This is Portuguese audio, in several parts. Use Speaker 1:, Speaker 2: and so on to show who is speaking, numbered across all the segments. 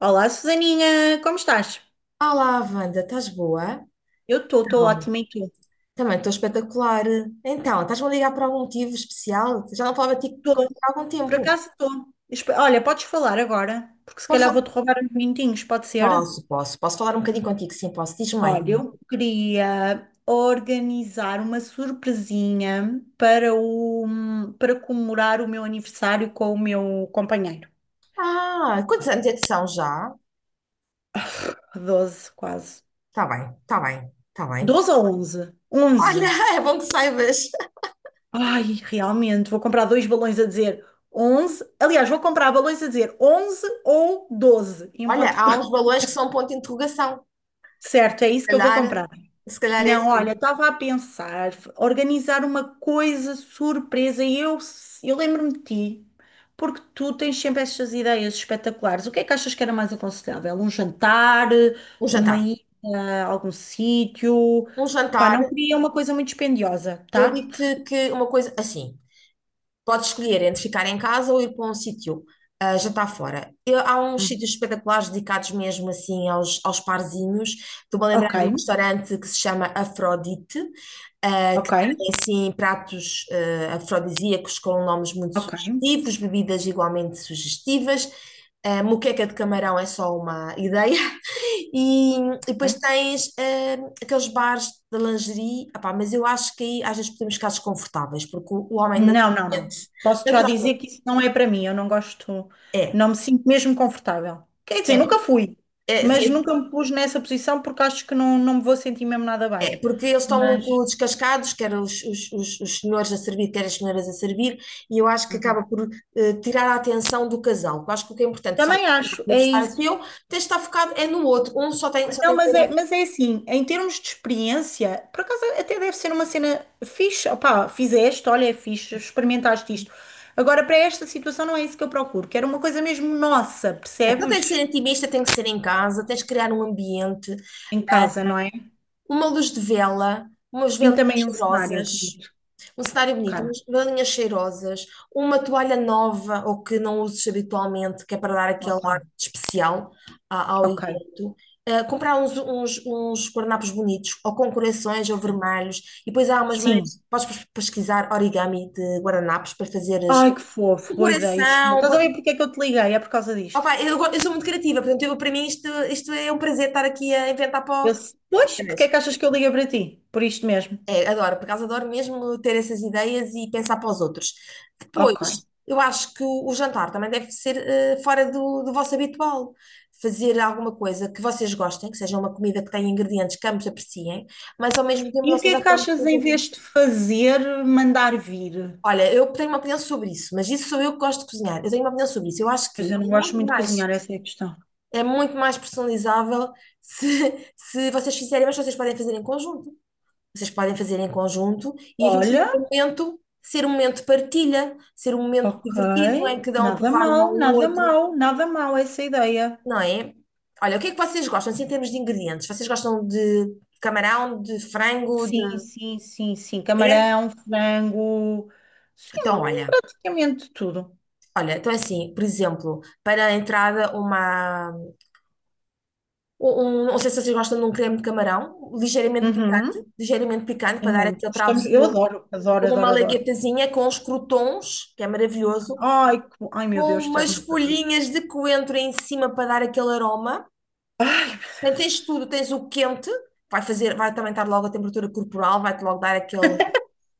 Speaker 1: Olá, Susaninha, como estás?
Speaker 2: Olá, Wanda, estás boa?
Speaker 1: Eu estou
Speaker 2: Então,
Speaker 1: ótima e tu?
Speaker 2: também estou espetacular. Então, estás-me a ligar por algum motivo especial? Já não falava
Speaker 1: Estou,
Speaker 2: contigo há algum
Speaker 1: por
Speaker 2: tempo.
Speaker 1: acaso estou. Olha, podes falar agora, porque se calhar vou-te
Speaker 2: Posso?
Speaker 1: roubar uns minutinhos, pode ser?
Speaker 2: Posso, posso. Posso falar um bocadinho contigo? Sim, posso. Diz-me lá,
Speaker 1: Olha,
Speaker 2: então.
Speaker 1: eu queria organizar uma surpresinha para o, para comemorar o meu aniversário com o meu companheiro.
Speaker 2: Ah, quantos anos é que são já?
Speaker 1: 12, quase.
Speaker 2: Está bem, está bem, está bem.
Speaker 1: Doze ou 11? 11.
Speaker 2: Olha, é bom que saibas.
Speaker 1: Ai, realmente, vou comprar dois balões a dizer 11. Aliás, vou comprar balões a dizer 11 ou 12, em
Speaker 2: Olha,
Speaker 1: ponto.
Speaker 2: há uns balões que são um ponto de interrogação.
Speaker 1: Certo, é
Speaker 2: Se
Speaker 1: isso que eu vou
Speaker 2: calhar,
Speaker 1: comprar.
Speaker 2: se calhar é
Speaker 1: Não,
Speaker 2: assim.
Speaker 1: olha, estava a pensar organizar uma coisa surpresa e eu lembro-me de ti, porque tu tens sempre estas ideias espetaculares. O que é que achas que era mais aconselhável? Um jantar,
Speaker 2: Um
Speaker 1: uma
Speaker 2: jantar.
Speaker 1: ida a algum sítio?
Speaker 2: Um
Speaker 1: Pá,
Speaker 2: jantar,
Speaker 1: não queria uma coisa muito dispendiosa,
Speaker 2: eu
Speaker 1: tá?
Speaker 2: digo-te que uma coisa assim. Podes escolher entre ficar em casa ou ir para um sítio, jantar fora. Há uns
Speaker 1: Hum.
Speaker 2: sítios espetaculares dedicados mesmo assim aos parzinhos. Estou-me a lembrar
Speaker 1: Ok,
Speaker 2: de um restaurante que se chama Afrodite, que
Speaker 1: ok,
Speaker 2: tem assim pratos afrodisíacos com nomes muito
Speaker 1: ok.
Speaker 2: sugestivos, bebidas igualmente sugestivas. A moqueca de camarão é só uma ideia. E depois
Speaker 1: Ok.
Speaker 2: tens aqueles bares de lingerie. Epá, mas eu acho que aí às vezes podemos ficar desconfortáveis, porque o homem.
Speaker 1: Não, não, não. Posso já dizer
Speaker 2: Naturalmente,
Speaker 1: que isso não é para mim. Eu não gosto,
Speaker 2: é.
Speaker 1: não me sinto mesmo confortável. Quer dizer,
Speaker 2: É,
Speaker 1: nunca fui, mas
Speaker 2: sim,
Speaker 1: nunca me pus nessa posição porque acho que não, não me vou sentir mesmo nada bem.
Speaker 2: é, porque eles estão
Speaker 1: Mas
Speaker 2: muito descascados, quer os senhores a servir, quer as senhoras a servir, e eu acho que
Speaker 1: uhum.
Speaker 2: acaba por tirar a atenção do casal. Eu acho que o que é importante, só vais
Speaker 1: Também
Speaker 2: fazer
Speaker 1: acho,
Speaker 2: um
Speaker 1: é
Speaker 2: aniversário é
Speaker 1: isso.
Speaker 2: teu, tens de estar focado é no outro. Um só tem, só
Speaker 1: Não,
Speaker 2: tem que
Speaker 1: mas é,
Speaker 2: ser,
Speaker 1: mas é assim, em termos de experiência, por acaso até deve ser uma cena fixe. Opá, fizeste, olha, é fixe, experimentaste isto. Agora, para esta situação, não é isso que eu procuro. Quero uma coisa mesmo nossa,
Speaker 2: então tem que
Speaker 1: percebes?
Speaker 2: ser intimista, tem que ser em casa, tens de criar um ambiente,
Speaker 1: Em
Speaker 2: ah,
Speaker 1: casa, não é?
Speaker 2: uma luz de vela, umas
Speaker 1: Vim
Speaker 2: velinhas
Speaker 1: também um cenário
Speaker 2: cheirosas.
Speaker 1: bonito.
Speaker 2: Um cenário bonito,
Speaker 1: Ok,
Speaker 2: umas galinhas cheirosas, uma toalha nova ou que não uses habitualmente, que é para dar aquele
Speaker 1: ok,
Speaker 2: ar especial ao
Speaker 1: ok,
Speaker 2: evento. Comprar uns, uns guardanapos bonitos, ou com corações ou
Speaker 1: sim.
Speaker 2: vermelhos. E depois há umas maneiras,
Speaker 1: Sim.
Speaker 2: podes pesquisar origami de guardanapos para fazeres
Speaker 1: Ai, que fofo,
Speaker 2: um
Speaker 1: boa ideia. Sheila.
Speaker 2: coração.
Speaker 1: Estás a ver porque é que eu te liguei? É por causa disto.
Speaker 2: Opa, eu sou muito criativa, portanto, eu, para mim isto, é um prazer estar aqui a inventar o...
Speaker 1: Eu, pois, porque é que achas que eu liguei para ti? Por isto mesmo.
Speaker 2: É, adoro, por acaso adoro mesmo ter essas ideias e pensar para os outros.
Speaker 1: Ok.
Speaker 2: Depois, eu acho que o jantar também deve ser fora do vosso habitual. Fazer alguma coisa que vocês gostem, que seja uma comida que tenha ingredientes que ambos apreciem, mas ao mesmo tempo
Speaker 1: E
Speaker 2: não
Speaker 1: o que é
Speaker 2: seja
Speaker 1: que
Speaker 2: aquela
Speaker 1: achas em
Speaker 2: coisa.
Speaker 1: vez de fazer, mandar vir?
Speaker 2: Olha, eu tenho uma opinião sobre isso, mas isso sou eu que gosto de cozinhar. Eu tenho uma opinião sobre isso. Eu acho
Speaker 1: Pois
Speaker 2: que
Speaker 1: eu não gosto muito de cozinhar, essa é a questão.
Speaker 2: é muito mais personalizável se, se vocês fizerem, mas vocês podem fazer em conjunto. Vocês podem fazer em conjunto e aquilo
Speaker 1: Olha,
Speaker 2: ser um momento de partilha, ser um momento
Speaker 1: ok.
Speaker 2: divertido em que dão a
Speaker 1: Nada
Speaker 2: provar um ao
Speaker 1: mal, nada
Speaker 2: outro,
Speaker 1: mal, nada mal essa ideia.
Speaker 2: não é? Olha, o que é que vocês gostam, assim, em termos de ingredientes? Vocês gostam de camarão, de frango.
Speaker 1: Sim, sim, sim, sim.
Speaker 2: É?
Speaker 1: Camarão, frango, sim,
Speaker 2: Então, olha,
Speaker 1: praticamente tudo.
Speaker 2: então é assim, por exemplo, para a entrada. Não sei se vocês gostam de um creme de camarão,
Speaker 1: Uhum.
Speaker 2: ligeiramente picante, para
Speaker 1: Sim,
Speaker 2: dar
Speaker 1: muito.
Speaker 2: aquele
Speaker 1: Estamos, eu
Speaker 2: travozinho,
Speaker 1: adoro, adoro,
Speaker 2: como uma
Speaker 1: adoro, adoro.
Speaker 2: malaguetazinha com os crotons, que é maravilhoso,
Speaker 1: Ai, ai meu
Speaker 2: com
Speaker 1: Deus,
Speaker 2: umas
Speaker 1: estás-me a fazer.
Speaker 2: folhinhas de coentro em cima para dar aquele aroma.
Speaker 1: Ai,
Speaker 2: Portanto, tens tudo, tens o quente, vai fazer, vai também estar logo a temperatura corporal, vai-te logo dar aquele,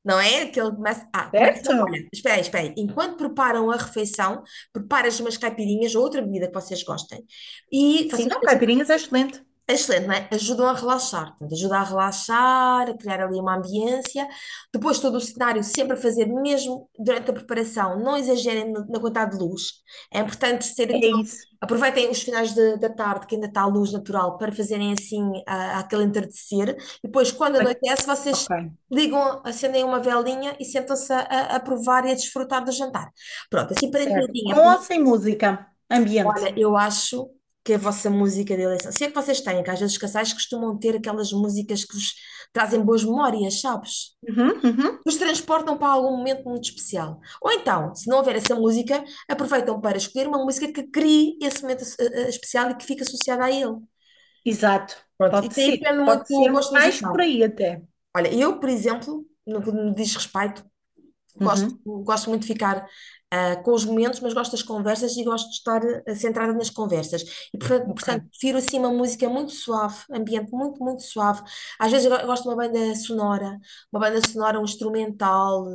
Speaker 2: não é? Aquele começa,
Speaker 1: certo?
Speaker 2: olha, espera aí, espera aí. Enquanto preparam a refeição, preparas umas caipirinhas ou outra bebida que vocês gostem. E
Speaker 1: Sim,
Speaker 2: vocês
Speaker 1: não, caipirinhas é excelente.
Speaker 2: é excelente, não é? Ajudam a relaxar, portanto, ajuda a relaxar, a criar ali uma ambiência. Depois, todo o cenário, sempre a fazer, mesmo durante a preparação, não exagerem na quantidade de luz. É importante ser
Speaker 1: É
Speaker 2: aquilo.
Speaker 1: isso.
Speaker 2: Aproveitem os finais da tarde, que ainda está a luz natural, para fazerem assim aquele entardecer. E depois, quando anoitece, vocês
Speaker 1: Ok,
Speaker 2: ligam, acendem uma velinha e sentam-se a provar e a desfrutar do jantar. Pronto, assim para
Speaker 1: certo.
Speaker 2: entradinha.
Speaker 1: Com ou sem música? Ambiente.
Speaker 2: Olha, eu acho que a vossa música de eleição, se é que vocês têm, que às vezes os casais costumam ter aquelas músicas que vos trazem boas memórias, sabes?
Speaker 1: Uhum, uhum.
Speaker 2: Vos transportam para algum momento muito especial. Ou então, se não houver essa música, aproveitam para escolher uma música que crie esse momento especial e que fique associada a ele.
Speaker 1: Exato.
Speaker 2: Pronto, isso
Speaker 1: Pode
Speaker 2: aí
Speaker 1: ser.
Speaker 2: depende muito
Speaker 1: Pode
Speaker 2: do
Speaker 1: ser
Speaker 2: gosto
Speaker 1: mais por
Speaker 2: musical.
Speaker 1: aí até.
Speaker 2: Olha, eu, por exemplo, no que me diz respeito, Gosto,
Speaker 1: Uhum,
Speaker 2: gosto muito de ficar com os momentos, mas gosto das conversas e gosto de estar centrada nas conversas. E, portanto,
Speaker 1: ok.
Speaker 2: prefiro assim uma música muito suave, ambiente muito, muito suave. Às vezes eu gosto de uma banda sonora, um instrumental,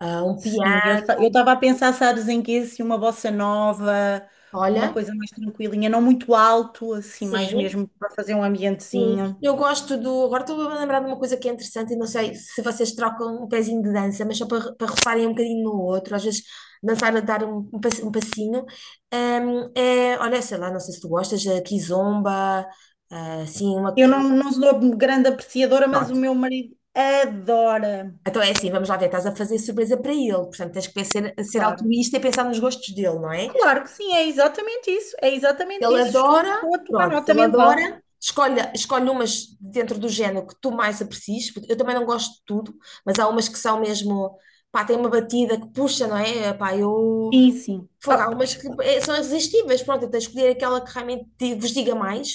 Speaker 2: um
Speaker 1: Sim,
Speaker 2: piano.
Speaker 1: eu estava a pensar, sabes, em que assim, uma bossa nova, uma
Speaker 2: Olha,
Speaker 1: coisa mais tranquilinha, não muito alto, assim, mais
Speaker 2: sim.
Speaker 1: mesmo para fazer um
Speaker 2: Sim,
Speaker 1: ambientezinho.
Speaker 2: eu gosto do. Agora estou a lembrar de uma coisa que é interessante, e não sei se vocês trocam um pezinho de dança, mas só para roçarem um bocadinho no outro, às vezes dançar a dar um, um passinho. É, olha, sei lá, não sei se tu gostas, a kizomba, assim, uma.
Speaker 1: Eu não, não sou grande apreciadora, mas o
Speaker 2: Pronto.
Speaker 1: meu marido adora.
Speaker 2: Então é assim, vamos lá ver, estás a fazer surpresa para ele, portanto tens que ser, ser
Speaker 1: Claro.
Speaker 2: altruísta e pensar nos gostos dele, não é?
Speaker 1: Claro que sim, é exatamente isso. É exatamente
Speaker 2: Ele
Speaker 1: isso. Estou,
Speaker 2: adora,
Speaker 1: estou a tomar
Speaker 2: pronto, se
Speaker 1: nota
Speaker 2: ele
Speaker 1: mental.
Speaker 2: adora, escolhe, escolhe umas dentro do género que tu mais aprecies, porque eu também não gosto de tudo, mas há umas que são mesmo, pá, tem uma batida que puxa, não é? Pá, eu.
Speaker 1: Sim, sim. Ah,
Speaker 2: Fogo, há umas
Speaker 1: pois,
Speaker 2: que
Speaker 1: claro.
Speaker 2: são irresistíveis, pronto, eu tenho que escolher aquela que realmente vos diga mais.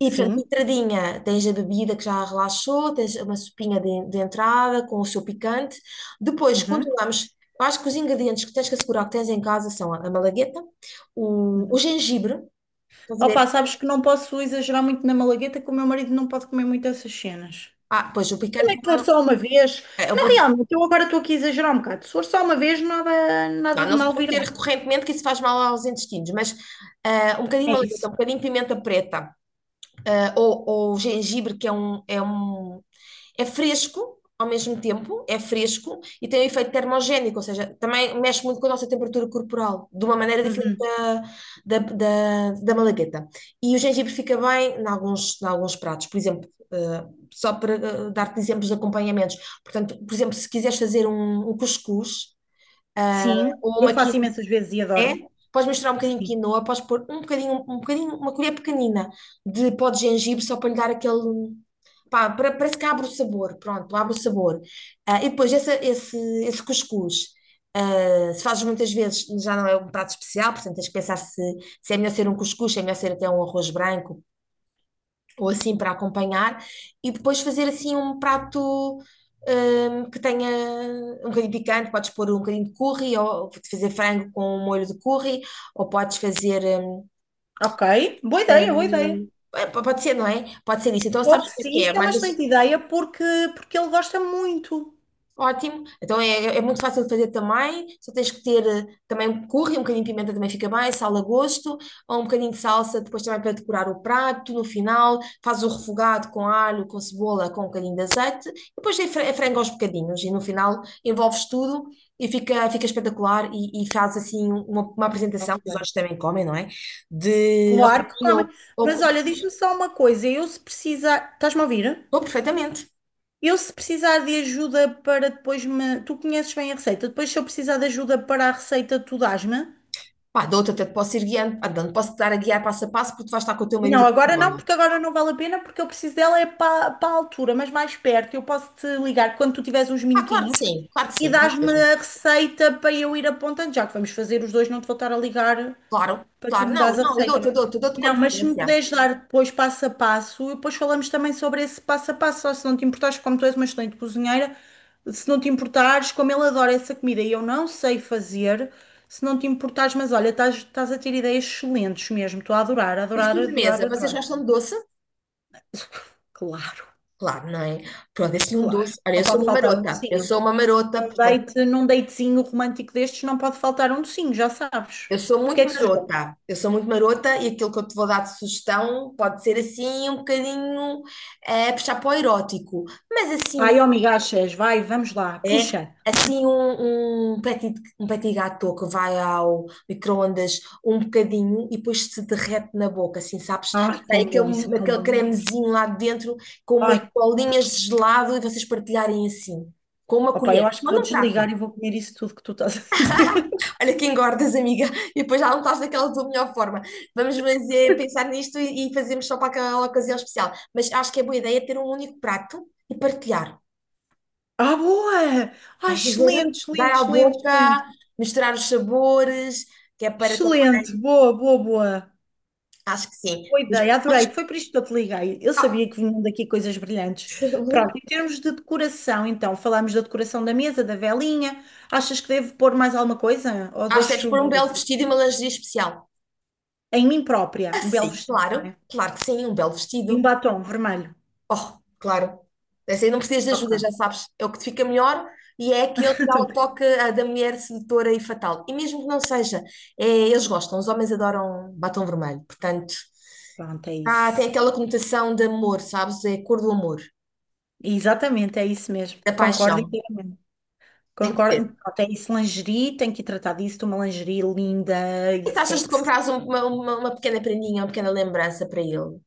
Speaker 2: E, portanto,
Speaker 1: Sim.
Speaker 2: entradinha, tens a bebida que já relaxou, tens uma sopinha de entrada com o seu picante. Depois,
Speaker 1: Uhum,
Speaker 2: continuamos. Eu acho que os ingredientes que tens que assegurar que tens em casa são a malagueta, o
Speaker 1: uhum.
Speaker 2: gengibre. Estás a
Speaker 1: Opa,
Speaker 2: ver?
Speaker 1: sabes que não posso exagerar muito na malagueta, que o meu marido não pode comer muito essas cenas.
Speaker 2: Ah, pois o picante
Speaker 1: É que
Speaker 2: também
Speaker 1: for
Speaker 2: não,
Speaker 1: só uma vez.
Speaker 2: é, é o
Speaker 1: Não,
Speaker 2: meu-
Speaker 1: realmente, eu agora estou aqui a exagerar um bocado. Se for só uma vez, nada,
Speaker 2: Não,
Speaker 1: nada de
Speaker 2: não se
Speaker 1: mal
Speaker 2: pode
Speaker 1: virá.
Speaker 2: ter recorrentemente que isso faz mal aos intestinos, mas um bocadinho
Speaker 1: É
Speaker 2: de malagueta,
Speaker 1: isso.
Speaker 2: um bocadinho de pimenta preta, ou gengibre, que é um, é fresco ao mesmo tempo, é fresco e tem um efeito termogénico, ou seja, também mexe muito com a nossa temperatura corporal, de uma maneira diferente
Speaker 1: Uhum.
Speaker 2: da, da, da malagueta. E o gengibre fica bem em alguns pratos, por exemplo, só para dar-te exemplos de acompanhamentos. Portanto, por exemplo, se quiseres fazer um, um cuscuz, ah,
Speaker 1: Sim,
Speaker 2: ou
Speaker 1: eu
Speaker 2: uma
Speaker 1: faço
Speaker 2: quinoa,
Speaker 1: imensas vezes e
Speaker 2: é?
Speaker 1: adoro.
Speaker 2: Podes misturar um bocadinho de
Speaker 1: Sim.
Speaker 2: quinoa, podes pôr um bocadinho, uma colher pequenina de pó de gengibre só para lhe dar aquele. Pá, parece que abre o sabor, pronto, abre o sabor. Ah, e depois esse, esse cuscuz, se fazes muitas vezes, já não é um prato especial, portanto tens que pensar se, se é melhor ser um cuscuz, se é melhor ser até um arroz branco, ou assim para acompanhar, e depois fazer assim um prato que tenha um bocadinho picante, podes pôr um bocadinho de curry, ou fazer frango com um molho de curry, ou podes fazer,
Speaker 1: Ok, boa ideia, boa ideia.
Speaker 2: é, pode ser, não é? Pode ser isso. Então sabes
Speaker 1: Pode
Speaker 2: o
Speaker 1: ser,
Speaker 2: que
Speaker 1: isso
Speaker 2: é?
Speaker 1: é uma
Speaker 2: Mandas.
Speaker 1: excelente ideia porque, porque ele gosta muito.
Speaker 2: Ótimo. Então é, é muito fácil de fazer também. Só tens que ter também um curry, um bocadinho de pimenta também fica bem, sal a gosto, ou um bocadinho de salsa depois também para decorar o prato. No final, faz o refogado com alho, com cebola, com um bocadinho de azeite. E depois é é frango aos bocadinhos e no final envolves tudo e fica, fica espetacular e faz assim um, uma apresentação, que os
Speaker 1: Ok.
Speaker 2: outros também comem, não é? De
Speaker 1: Claro que
Speaker 2: arrozinho
Speaker 1: come.
Speaker 2: ou
Speaker 1: Mas olha, diz-me
Speaker 2: cuscuz.
Speaker 1: só uma coisa, eu se precisar, estás-me a ouvir?
Speaker 2: Dou perfeitamente.
Speaker 1: Eu se precisar de ajuda para depois me, tu conheces bem a receita, depois se eu precisar de ajuda para a receita, tu dás-me?
Speaker 2: Pá, dou-te até te posso ir guiando, pá, posso-te dar a guiar passo a passo porque tu vais estar com o teu
Speaker 1: Não,
Speaker 2: marido.
Speaker 1: agora não, porque agora não vale a pena, porque eu preciso dela é para, para a altura, mas mais perto. Eu posso te ligar quando tu tiveres uns
Speaker 2: Ah,
Speaker 1: minutinhos
Speaker 2: claro que
Speaker 1: e
Speaker 2: sim, é
Speaker 1: dás-me
Speaker 2: mesmo.
Speaker 1: a receita para eu ir apontando, já que vamos fazer os dois, não te vou estar a ligar
Speaker 2: Claro,
Speaker 1: para tu
Speaker 2: claro,
Speaker 1: me
Speaker 2: não,
Speaker 1: dares a
Speaker 2: não, eu
Speaker 1: receita,
Speaker 2: dou-te,
Speaker 1: não? é?
Speaker 2: eu dou-te com
Speaker 1: Não, mas se me
Speaker 2: antecedência.
Speaker 1: puderes dar depois passo a passo, e depois falamos também sobre esse passo a passo, só se não te importares, como tu és uma excelente cozinheira, se não te importares, como ele adora essa comida e eu não sei fazer, se não te importares, mas olha, estás, estás a ter ideias excelentes mesmo, estou a adorar,
Speaker 2: E de
Speaker 1: adorar, adorar,
Speaker 2: sobremesa, vocês
Speaker 1: adorar.
Speaker 2: gostam de doce?
Speaker 1: Claro,
Speaker 2: Claro, não é? Pronto, esse é um
Speaker 1: claro.
Speaker 2: doce. Olha,
Speaker 1: Não
Speaker 2: eu sou
Speaker 1: pode
Speaker 2: uma
Speaker 1: faltar um
Speaker 2: marota, eu
Speaker 1: docinho.
Speaker 2: sou uma marota,
Speaker 1: Num
Speaker 2: portanto,
Speaker 1: date, num datezinho romântico destes, não pode faltar um docinho, já sabes.
Speaker 2: eu sou
Speaker 1: O que
Speaker 2: muito
Speaker 1: é que sugeres?
Speaker 2: marota, eu sou muito marota e aquilo que eu te vou dar de sugestão pode ser assim um bocadinho puxar para o erótico, mas assim.
Speaker 1: Ai, amiga, achas, vai, vamos lá,
Speaker 2: É
Speaker 1: puxa.
Speaker 2: assim um, um petit gâteau que vai ao micro-ondas um bocadinho e depois se derrete na boca, assim, sabes?
Speaker 1: Ai,
Speaker 2: Sai
Speaker 1: tão bom, isso é
Speaker 2: aquele,
Speaker 1: tão
Speaker 2: aquele
Speaker 1: bom, meu Deus.
Speaker 2: cremezinho lá dentro com umas
Speaker 1: Ai,
Speaker 2: bolinhas de gelado e vocês partilharem assim, com uma
Speaker 1: opa, eu
Speaker 2: colher,
Speaker 1: acho que
Speaker 2: só
Speaker 1: vou
Speaker 2: num
Speaker 1: desligar
Speaker 2: prato.
Speaker 1: e vou comer isso tudo que tu estás a dizer.
Speaker 2: Olha que engordas, amiga, e depois já não estás daquela tua melhor forma. Vamos fazer, pensar nisto e fazemos só para aquela ocasião especial. Mas acho que é boa ideia ter um único prato e partilhar.
Speaker 1: Ah, boa! Ai,
Speaker 2: Estás a ver?
Speaker 1: excelente,
Speaker 2: Dar
Speaker 1: excelente,
Speaker 2: à
Speaker 1: excelente,
Speaker 2: boca,
Speaker 1: excelente.
Speaker 2: misturar os sabores, que é para também.
Speaker 1: Excelente, boa, boa, boa.
Speaker 2: Acho que sim.
Speaker 1: Boa
Speaker 2: Mas
Speaker 1: ideia, adorei.
Speaker 2: podes.
Speaker 1: Foi por isto que eu te liguei. Eu
Speaker 2: Ah,
Speaker 1: sabia que vinham daqui coisas brilhantes. Pronto, em termos de decoração, então, falámos da decoração da mesa, da velinha. Achas que devo pôr mais alguma coisa? Ou
Speaker 2: acho que deves
Speaker 1: deixo
Speaker 2: pôr um belo vestido e uma lingerie especial.
Speaker 1: em mim própria
Speaker 2: Ah,
Speaker 1: um belo
Speaker 2: sim,
Speaker 1: vestido, não
Speaker 2: claro.
Speaker 1: é?
Speaker 2: Claro que sim, um belo
Speaker 1: E um
Speaker 2: vestido.
Speaker 1: batom vermelho.
Speaker 2: Oh, claro. Essa aí não precisas de ajuda, já
Speaker 1: Ok.
Speaker 2: sabes. É o que te fica melhor e é aquele que dá o
Speaker 1: Então,
Speaker 2: toque da mulher sedutora e fatal. E mesmo que não seja, é, eles gostam. Os homens adoram batom vermelho. Portanto,
Speaker 1: pronto, é
Speaker 2: tem
Speaker 1: isso.
Speaker 2: aquela conotação de amor, sabes? É a cor do amor,
Speaker 1: Exatamente, é isso mesmo.
Speaker 2: da
Speaker 1: Concordo
Speaker 2: paixão.
Speaker 1: inteiramente.
Speaker 2: Tem que
Speaker 1: Concordo.
Speaker 2: ser.
Speaker 1: Pronto, é isso, lingerie, tenho que tratar disso, de uma lingerie linda e
Speaker 2: Que taxas de
Speaker 1: sexy.
Speaker 2: comprares uma pequena prendinha, uma pequena lembrança para ele?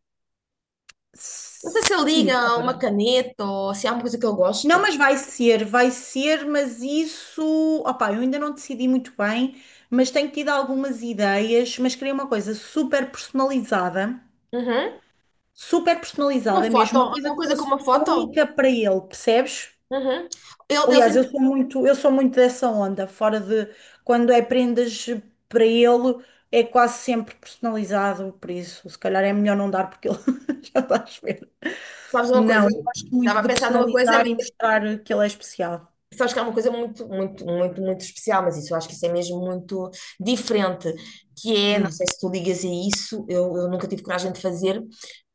Speaker 2: Não sei se ele
Speaker 1: Sim,
Speaker 2: liga uma
Speaker 1: claro.
Speaker 2: caneta ou se há uma coisa que ele goste.
Speaker 1: Não, mas vai ser, mas isso, opá, eu ainda não decidi muito bem, mas tenho tido algumas ideias, mas queria uma coisa
Speaker 2: Uhum.
Speaker 1: super
Speaker 2: Uma
Speaker 1: personalizada
Speaker 2: foto,
Speaker 1: mesmo, uma coisa
Speaker 2: alguma
Speaker 1: que
Speaker 2: coisa com
Speaker 1: fosse
Speaker 2: uma foto.
Speaker 1: única para ele, percebes?
Speaker 2: Uhum. Ele
Speaker 1: Aliás, eu
Speaker 2: tem,
Speaker 1: sou muito, eu sou muito dessa onda, fora de quando é prendas para ele, é quase sempre personalizado, por isso, se calhar é melhor não dar porque ele já está a ver.
Speaker 2: sabes uma coisa?
Speaker 1: Não, eu gosto
Speaker 2: Estava
Speaker 1: muito
Speaker 2: a
Speaker 1: de
Speaker 2: pensar numa coisa,
Speaker 1: personalizar
Speaker 2: mas
Speaker 1: e mostrar que ele é especial.
Speaker 2: sabes que é uma coisa muito, muito, muito, muito especial, mas isso eu acho que isso é mesmo muito diferente, que é, não
Speaker 1: Hum,
Speaker 2: sei se tu ligas a isso, eu nunca tive coragem de fazer,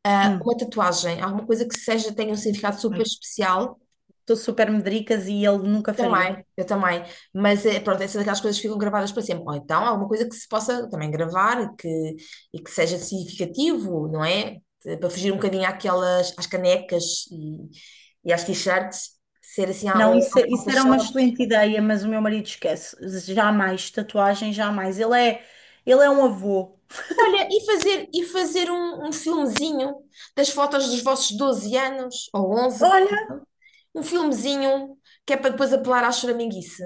Speaker 1: hum.
Speaker 2: uma tatuagem, alguma coisa que seja, tenha um significado
Speaker 1: Ai,
Speaker 2: super especial.
Speaker 1: sou super medricas e ele nunca faria.
Speaker 2: Também, eu também. Mas é, pronto, essa é daquelas coisas que ficam gravadas para sempre. Ou então alguma coisa que se possa também gravar e que seja significativo, não é? Para fugir um bocadinho àquelas, às canecas e às t-shirts, ser assim
Speaker 1: Não,
Speaker 2: ou
Speaker 1: isso,
Speaker 2: às
Speaker 1: é, isso era uma
Speaker 2: fotos-chave.
Speaker 1: excelente ideia, mas o meu marido esquece. Jamais, tatuagem, jamais. Ele é um avô.
Speaker 2: Olha, e fazer um, um filmezinho das fotos dos vossos 12 anos, ou 11,
Speaker 1: Olha,
Speaker 2: um filmezinho que é para depois apelar à choraminguice.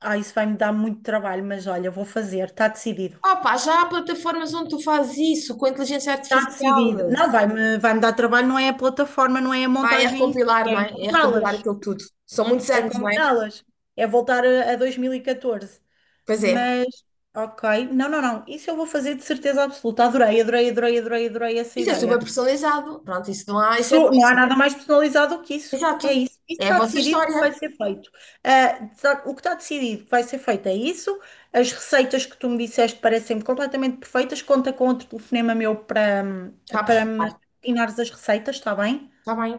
Speaker 1: ah, isso vai me dar muito trabalho, mas olha, vou fazer, está decidido.
Speaker 2: Opa, já há plataformas onde tu fazes isso com a inteligência
Speaker 1: Está decidido.
Speaker 2: artificial.
Speaker 1: Não, vai-me dar trabalho, não é a plataforma, não é a
Speaker 2: Ah, é
Speaker 1: montagem em si,
Speaker 2: recompilar,
Speaker 1: é
Speaker 2: não é? É recompilar
Speaker 1: encontrá-las,
Speaker 2: aquilo tudo. São muitos
Speaker 1: é
Speaker 2: anos, não é?
Speaker 1: combiná-las, é voltar a 2014.
Speaker 2: Pois é.
Speaker 1: Mas, ok, não, não, não, isso eu vou fazer de certeza absoluta. Adorei, adorei, adorei, adorei, adorei essa
Speaker 2: Isso é super
Speaker 1: ideia.
Speaker 2: personalizado. Pronto, isso não há, isso é
Speaker 1: Não há
Speaker 2: bolso.
Speaker 1: nada mais personalizado do que isso. É
Speaker 2: Exato.
Speaker 1: isso. Isso
Speaker 2: É a
Speaker 1: está
Speaker 2: vossa
Speaker 1: decidido que vai
Speaker 2: história.
Speaker 1: ser feito. Ah, o que está decidido que vai ser feito é isso. As receitas que tu me disseste parecem-me completamente perfeitas. Conta com outro telefonema meu para,
Speaker 2: Está a
Speaker 1: para me
Speaker 2: perfurar.
Speaker 1: ensinares as receitas, está bem?
Speaker 2: Está bem.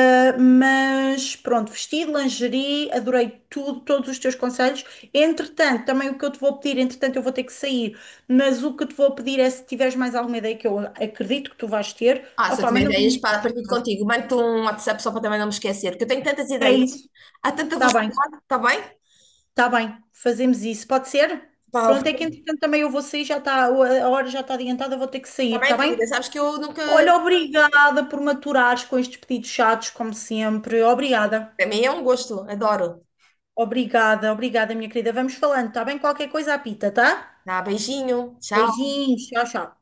Speaker 1: Ah, mas pronto, vestido, lingerie, adorei tudo, todos os teus conselhos. Entretanto, também o que eu te vou pedir, entretanto, eu vou ter que sair, mas o que te vou pedir é se tiveres mais alguma ideia que eu acredito que tu vais ter,
Speaker 2: Ah, se eu
Speaker 1: opá,
Speaker 2: tiver
Speaker 1: manda-me uma
Speaker 2: ideias,
Speaker 1: mensagem.
Speaker 2: partilho contigo. Mando-te um WhatsApp só para também não me esquecer, porque eu tenho tantas
Speaker 1: É
Speaker 2: ideias.
Speaker 1: isso.
Speaker 2: Há tanta
Speaker 1: Tá bem,
Speaker 2: velocidade, está bem?
Speaker 1: tá bem. Fazemos isso. Pode ser?
Speaker 2: Pá,
Speaker 1: Pronto, é que entretanto também eu vou sair, já está, a hora já está adiantada, vou ter que
Speaker 2: está
Speaker 1: sair,
Speaker 2: bem,
Speaker 1: tá
Speaker 2: querida.
Speaker 1: bem?
Speaker 2: Sabes que eu nunca.
Speaker 1: Olha, obrigada por me aturares com estes pedidos chatos, como sempre. Obrigada.
Speaker 2: Para mim é um gosto. Adoro.
Speaker 1: Obrigada, obrigada, minha querida. Vamos falando, tá bem? Qualquer coisa apita, tá?
Speaker 2: Tá, beijinho. Tchau.
Speaker 1: Beijinhos, tchau, tchau.